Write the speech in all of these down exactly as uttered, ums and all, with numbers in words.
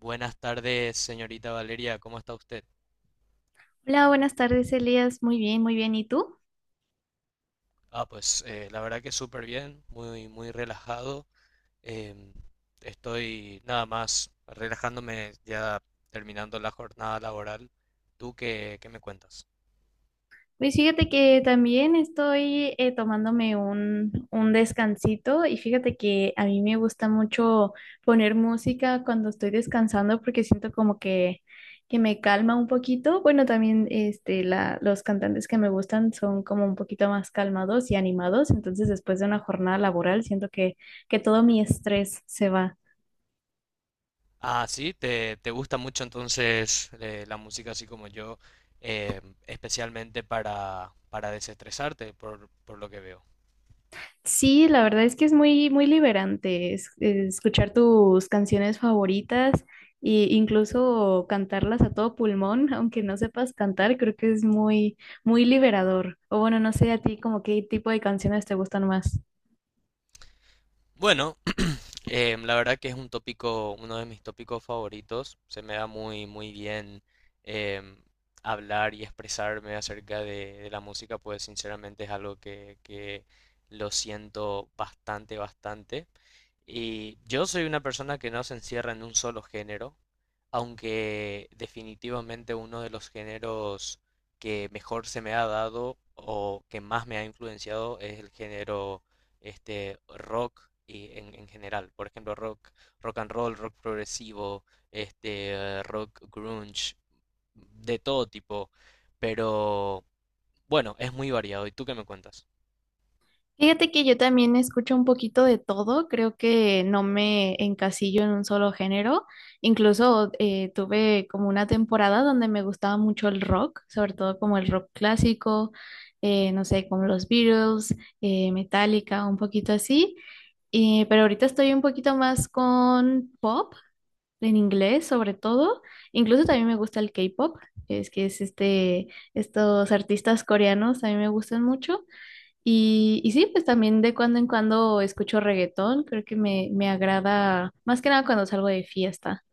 Buenas tardes, señorita Valeria, ¿cómo está usted? Hola, buenas tardes, Elías. Muy bien, muy bien. ¿Y tú? Ah, pues eh, la verdad que súper bien, muy, muy relajado. Em, Estoy nada más relajándome ya terminando la jornada laboral. ¿Tú qué, qué me cuentas? Pues fíjate que también estoy eh, tomándome un, un descansito y fíjate que a mí me gusta mucho poner música cuando estoy descansando porque siento como que, que me calma un poquito. Bueno, también este, la, los cantantes que me gustan son como un poquito más calmados y animados, entonces después de una jornada laboral siento que, que todo mi estrés se va. Ah, sí, te, te gusta mucho entonces eh, la música así como yo, em, especialmente para, para desestresarte, por, por lo que veo. Sí, la verdad es que es muy, muy liberante es- eh, escuchar tus canciones favoritas e incluso cantarlas a todo pulmón, aunque no sepas cantar, creo que es muy, muy liberador. O bueno, no sé a ti como qué tipo de canciones te gustan más. Bueno, Eh, la verdad que es un tópico, uno de mis tópicos favoritos. Se me da muy, muy bien em, hablar y expresarme acerca de, de la música, pues sinceramente es algo que, que lo siento bastante, bastante. Y yo soy una persona que no se encierra en un solo género, aunque definitivamente uno de los géneros que mejor se me ha dado o que más me ha influenciado es el género este, rock y en, en general. Por ejemplo, rock, rock and roll, rock progresivo, este, eh, rock grunge, de todo tipo. Pero bueno, es muy variado. ¿Y tú qué me cuentas? Fíjate que yo también escucho un poquito de todo, creo que no me encasillo en un solo género, incluso eh, tuve como una temporada donde me gustaba mucho el rock, sobre todo como el rock clásico, eh, no sé, como los Beatles, eh, Metallica, un poquito así. Eh, pero ahorita estoy un poquito más con pop, en inglés sobre todo, incluso también me gusta el K-pop, es que es este, estos artistas coreanos, a mí me gustan mucho. Y, y sí, pues también de cuando en cuando escucho reggaetón, creo que me, me agrada más que nada cuando salgo de fiesta.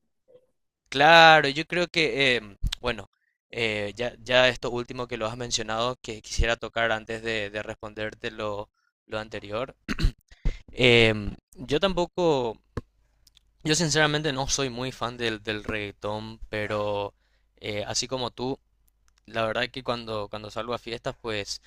Claro, yo creo que, em, bueno, eh, ya, ya esto último que lo has mencionado, que quisiera tocar antes de, de responderte lo, lo anterior. Em, yo tampoco, yo sinceramente no soy muy fan del, del reggaetón, pero eh, así como tú. La verdad que cuando, cuando salgo a fiestas, pues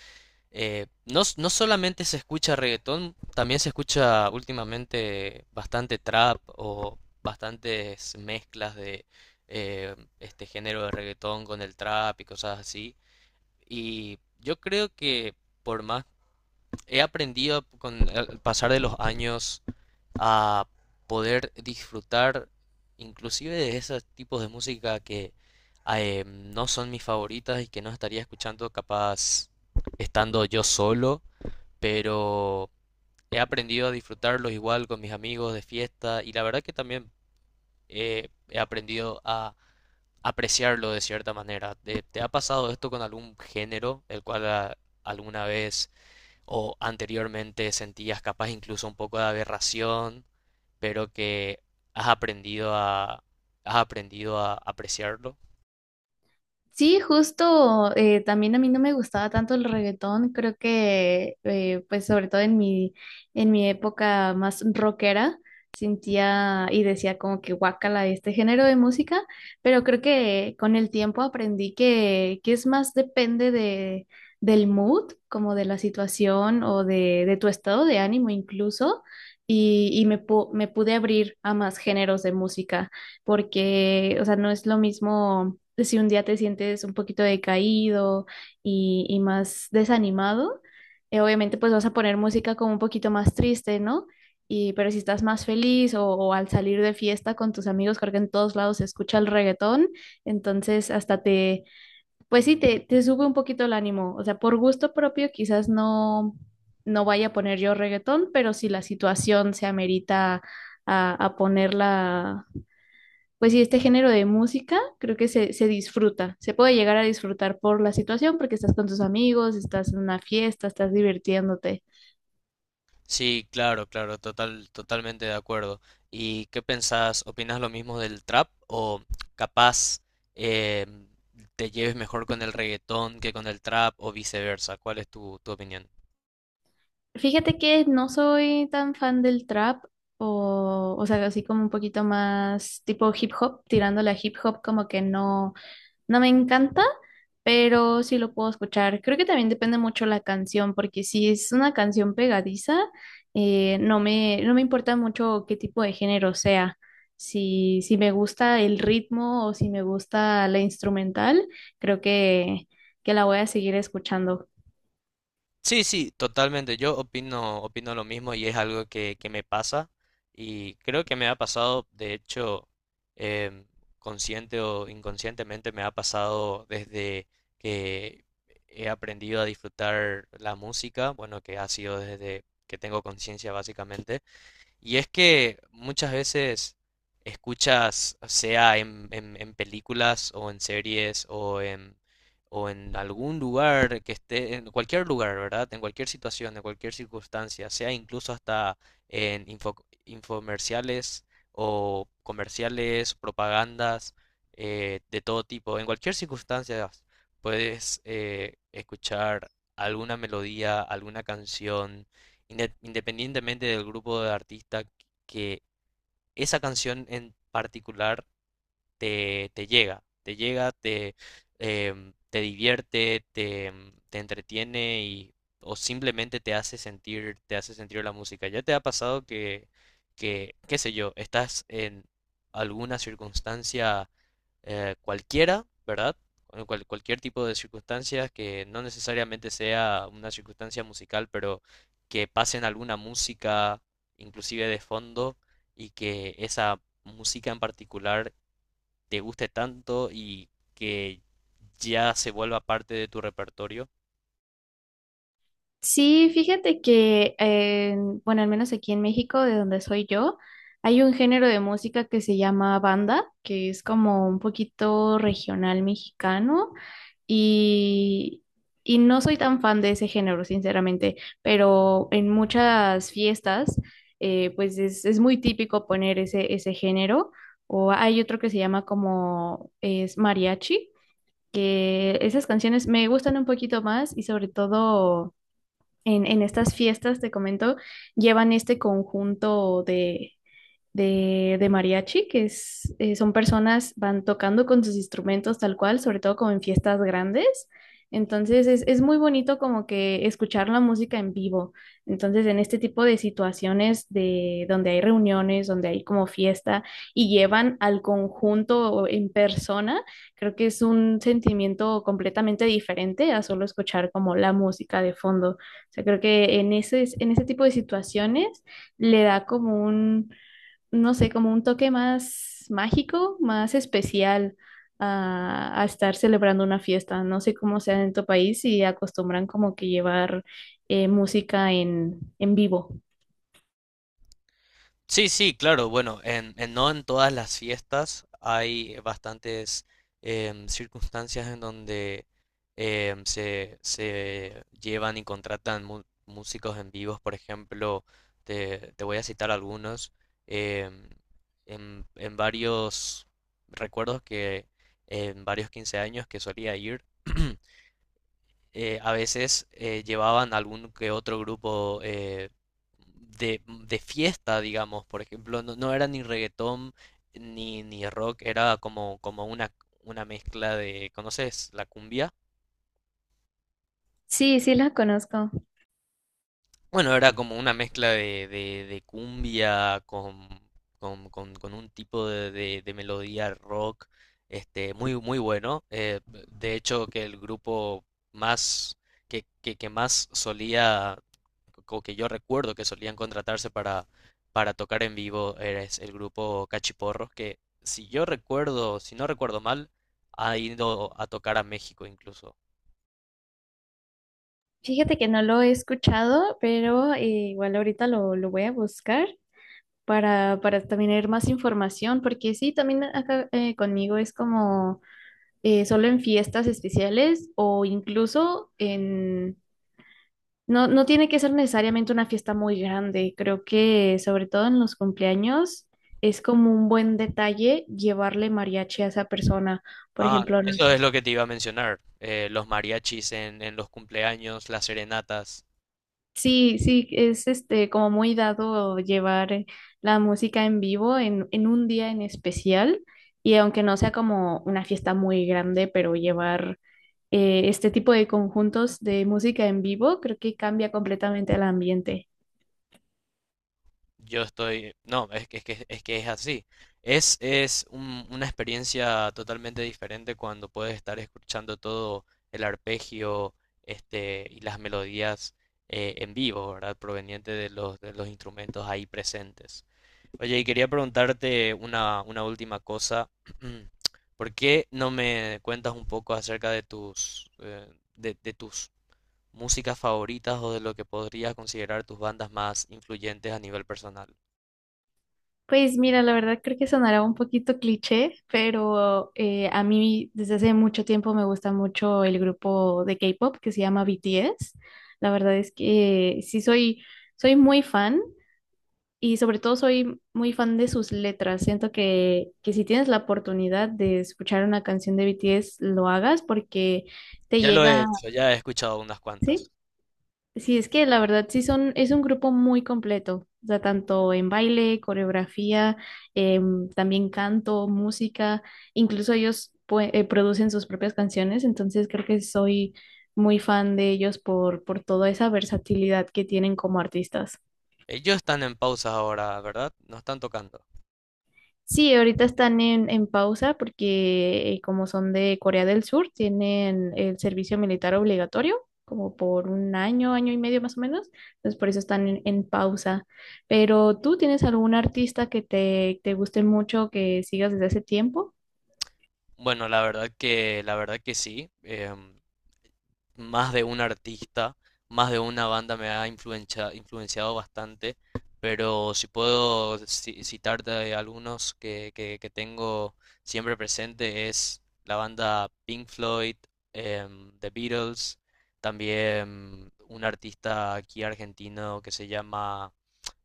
eh, no, s- no solamente se escucha reggaetón, también se escucha últimamente bastante trap o bastantes mezclas de eh, este género de reggaetón con el trap y cosas así. Y yo creo que por más he aprendido con el pasar de los años a poder disfrutar inclusive de esos tipos de música que eh, no son mis favoritas y que no estaría escuchando capaz estando yo solo, pero he aprendido a disfrutarlos igual con mis amigos de fiesta y la verdad que también eh, he aprendido a apreciarlo de cierta manera. ¿Te, te ha pasado esto con algún género el cual a- alguna vez o anteriormente sentías capaz incluso un poco de aberración? Pero que has aprendido a, has aprendido a apreciarlo. Sí, justo, eh, también a mí no me gustaba tanto el reggaetón, creo que eh, pues sobre todo en mi, en mi época más rockera sentía y decía como que guácala este género de música, pero creo que con el tiempo aprendí que, que es más depende de, del mood, como de la situación o de, de tu estado de ánimo incluso, y, y me, pu- me pude abrir a más géneros de música porque, o sea, no es lo mismo si un día te sientes un poquito decaído y, y más desanimado, eh, obviamente pues vas a poner música como un poquito más triste, ¿no? Y, pero si estás más feliz o, o al salir de fiesta con tus amigos, creo que en todos lados se escucha el reggaetón, entonces hasta te, pues sí, te, te sube un poquito el ánimo, o sea, por gusto propio quizás no, no vaya a poner yo reggaetón, pero si la situación se amerita a, a ponerla pues sí, este género de música creo que se, se disfruta, se puede llegar a disfrutar por la situación porque estás con tus amigos, estás en una fiesta, estás divirtiéndote. Sí, claro, claro, total, totalmente de acuerdo. ¿Y qué pensás? ¿Opinas lo mismo del trap o capaz eh, te lleves mejor con el reggaetón que con el trap o viceversa? ¿Cuál es tu, tu opinión? Fíjate que no soy tan fan del trap o, o sea, así como un poquito más tipo hip hop, tirándole a hip hop como que no. No me encanta, pero sí lo puedo escuchar. Creo que también depende mucho la canción, porque si es una canción pegadiza, eh, no me, no me importa mucho qué tipo de género sea. Si, si me gusta el ritmo o si me gusta la instrumental, creo que, que la voy a seguir escuchando. Sí, sí, totalmente. Yo opino, opino lo mismo y es algo que, que me pasa y creo que me ha pasado, de hecho, em, consciente o inconscientemente me ha pasado desde que he aprendido a disfrutar la música, bueno, que ha sido desde que tengo conciencia básicamente. Y es que muchas veces escuchas, sea en, en- en películas o en series o en, o en algún lugar que esté, en cualquier lugar, ¿verdad? En cualquier situación, en cualquier circunstancia, sea incluso hasta en info- infomerciales o comerciales, propagandas eh, de todo tipo, en cualquier circunstancia puedes eh, escuchar alguna melodía, alguna canción inde- independientemente del grupo de artista, que esa canción en particular te, te llega, te llega, te, em, te divierte, te, em, te entretiene y, o simplemente te hace sentir, te hace sentir la música. ¿Ya te ha pasado que, que, qué sé yo, estás en alguna circunstancia eh, cualquiera, ¿verdad? Cual- cual- cualquier tipo de circunstancias que no necesariamente sea una circunstancia musical, pero que pasen alguna música, inclusive de fondo, y que esa música en particular te guste tanto y que ya se vuelva parte de tu repertorio? Sí, fíjate que, eh, bueno, al menos aquí en México, de donde soy yo, hay un género de música que se llama banda, que es como un poquito regional mexicano y, y no soy tan fan de ese género, sinceramente, pero en muchas fiestas, eh, pues es, es muy típico poner ese, ese género, o hay otro que se llama como es mariachi, que esas canciones me gustan un poquito más y sobre todo en, en estas fiestas, te comento, llevan este conjunto de, de, de mariachi, que es, eh, son personas, van tocando con sus instrumentos tal cual, sobre todo como en fiestas grandes. Entonces es, es muy bonito como que escuchar la música en vivo. Entonces en este tipo de situaciones de donde hay reuniones, donde hay como fiesta y llevan al conjunto en persona, creo que es un sentimiento completamente diferente a solo escuchar como la música de fondo. O sea, creo que en ese, en ese tipo de situaciones le da como un, no sé, como un toque más mágico, más especial a, a estar celebrando una fiesta. No sé cómo sea en tu país y acostumbran como que llevar eh, música en, en vivo. Sí, sí, claro, bueno, en, en- no en todas las fiestas hay bastantes em, circunstancias en donde em, se, se llevan y contratan mu- músicos en vivos. Por ejemplo, te, te voy a citar algunos, em, en, en varios recuerdos que en varios quince años que solía ir. eh, a veces eh, llevaban algún que otro grupo eh, de, de fiesta, digamos. Por ejemplo, no, no era ni reggaetón ni, ni rock, era como, como una, una mezcla de, ¿conoces la cumbia? Sí, sí la conozco. Bueno, era como una mezcla de, de, de cumbia con, con, con- con un tipo de, de- de melodía rock, este, muy, muy bueno. Eh, de hecho, que el grupo más que, que, que más solía o que yo recuerdo que solían contratarse para, para tocar en vivo es el grupo Cachiporros, que si yo recuerdo, si no recuerdo mal, ha ido a tocar a México incluso. Fíjate que no lo he escuchado, pero eh, igual ahorita lo, lo voy a buscar para, para también tener más información, porque sí, también acá eh, conmigo es como eh, solo en fiestas especiales o incluso en, no, no tiene que ser necesariamente una fiesta muy grande. Creo que sobre todo en los cumpleaños es como un buen detalle llevarle mariachi a esa persona. Por Ah, ejemplo, no eso sé, es lo que te iba a mencionar. Eh, los mariachis en, en los cumpleaños, las serenatas. sí, sí, es este como muy dado llevar eh, la música en vivo en, en un día en especial. Y aunque no sea como una fiesta muy grande, pero llevar eh, este tipo de conjuntos de música en vivo, creo que cambia completamente el ambiente. Yo estoy, no, Es que es que es que es así. Es es un- una experiencia totalmente diferente cuando puedes estar escuchando todo el arpegio, este, y las melodías eh, en vivo, ¿verdad? Proveniente de los, de los instrumentos ahí presentes. Oye, y quería preguntarte una una última cosa. ¿Por qué no me cuentas un poco acerca de tus eh, de, de tus músicas favoritas o de lo que podrías considerar tus bandas más influyentes a nivel personal? Pues mira, la verdad creo que sonará un poquito cliché, pero eh, a mí desde hace mucho tiempo me gusta mucho el grupo de K-pop que se llama B T S. La verdad es que sí soy, soy muy fan y sobre todo soy muy fan de sus letras. Siento que, que si tienes la oportunidad de escuchar una canción de B T S, lo hagas porque te Ya lo he llega, hecho, ya he escuchado unas ¿sí? cuantas. Sí, es que la verdad sí son, es un grupo muy completo, o sea, tanto en baile, coreografía, em, también canto, música, incluso ellos pue- eh, producen sus propias canciones, entonces creo que soy muy fan de ellos por, por toda esa versatilidad que tienen como artistas. Ellos están en pausa ahora, ¿verdad? No están tocando. Sí, ahorita están en, en pausa porque eh, como son de Corea del Sur, tienen el servicio militar obligatorio como por un año, año y medio más o menos. Entonces por eso están en, en pausa. Pero ¿tú tienes algún artista que te, te guste mucho, que sigas desde hace tiempo? Bueno, la verdad que, la verdad que sí. Em, más de un artista, más de una banda me ha influencia- influenciado bastante, pero si puedo ci- citarte algunos que, que- que tengo siempre presente, es la banda Pink Floyd, em, The Beatles, también un artista aquí argentino que se llama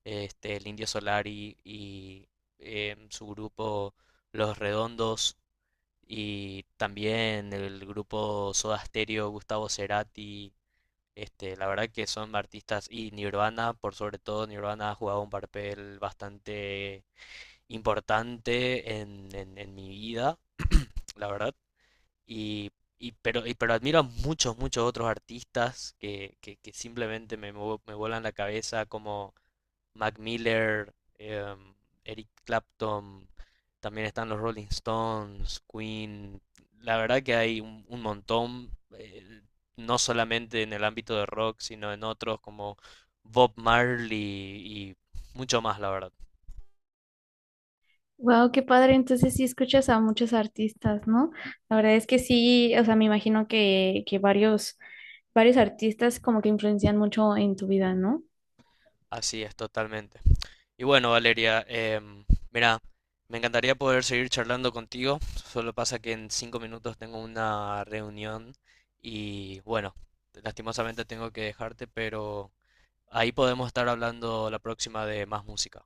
este, el Indio Solari y em, su grupo Los Redondos, y también el grupo Soda Stereo, Gustavo Cerati, este, la verdad que son artistas, y Nirvana, por sobre todo Nirvana ha jugado un papel bastante importante en, en, en mi vida, la verdad, y, y pero, y- pero admiro a muchos, muchos otros artistas que, que, que simplemente me, vo- me vuelan la cabeza como Mac Miller, eh, Eric Clapton, también están los Rolling Stones, Queen. La verdad que hay un, un montón, eh, no solamente en el ámbito de rock, sino en otros como Bob Marley y mucho más, la verdad. Wow, qué padre. Entonces sí escuchas a muchos artistas, ¿no? La verdad es que sí, o sea, me imagino que, que varios, varios artistas como que influencian mucho en tu vida, ¿no? Así es, totalmente. Y bueno, Valeria, em, mira, me encantaría poder seguir charlando contigo. Solo pasa que en cinco minutos tengo una reunión y bueno, lastimosamente tengo que dejarte, pero ahí podemos estar hablando la próxima de más música.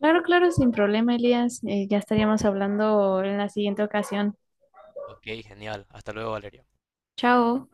Claro, claro, sin problema, Elías. Eh, ya estaríamos hablando en la siguiente ocasión. Ok, genial. Hasta luego, Valeria. Chao.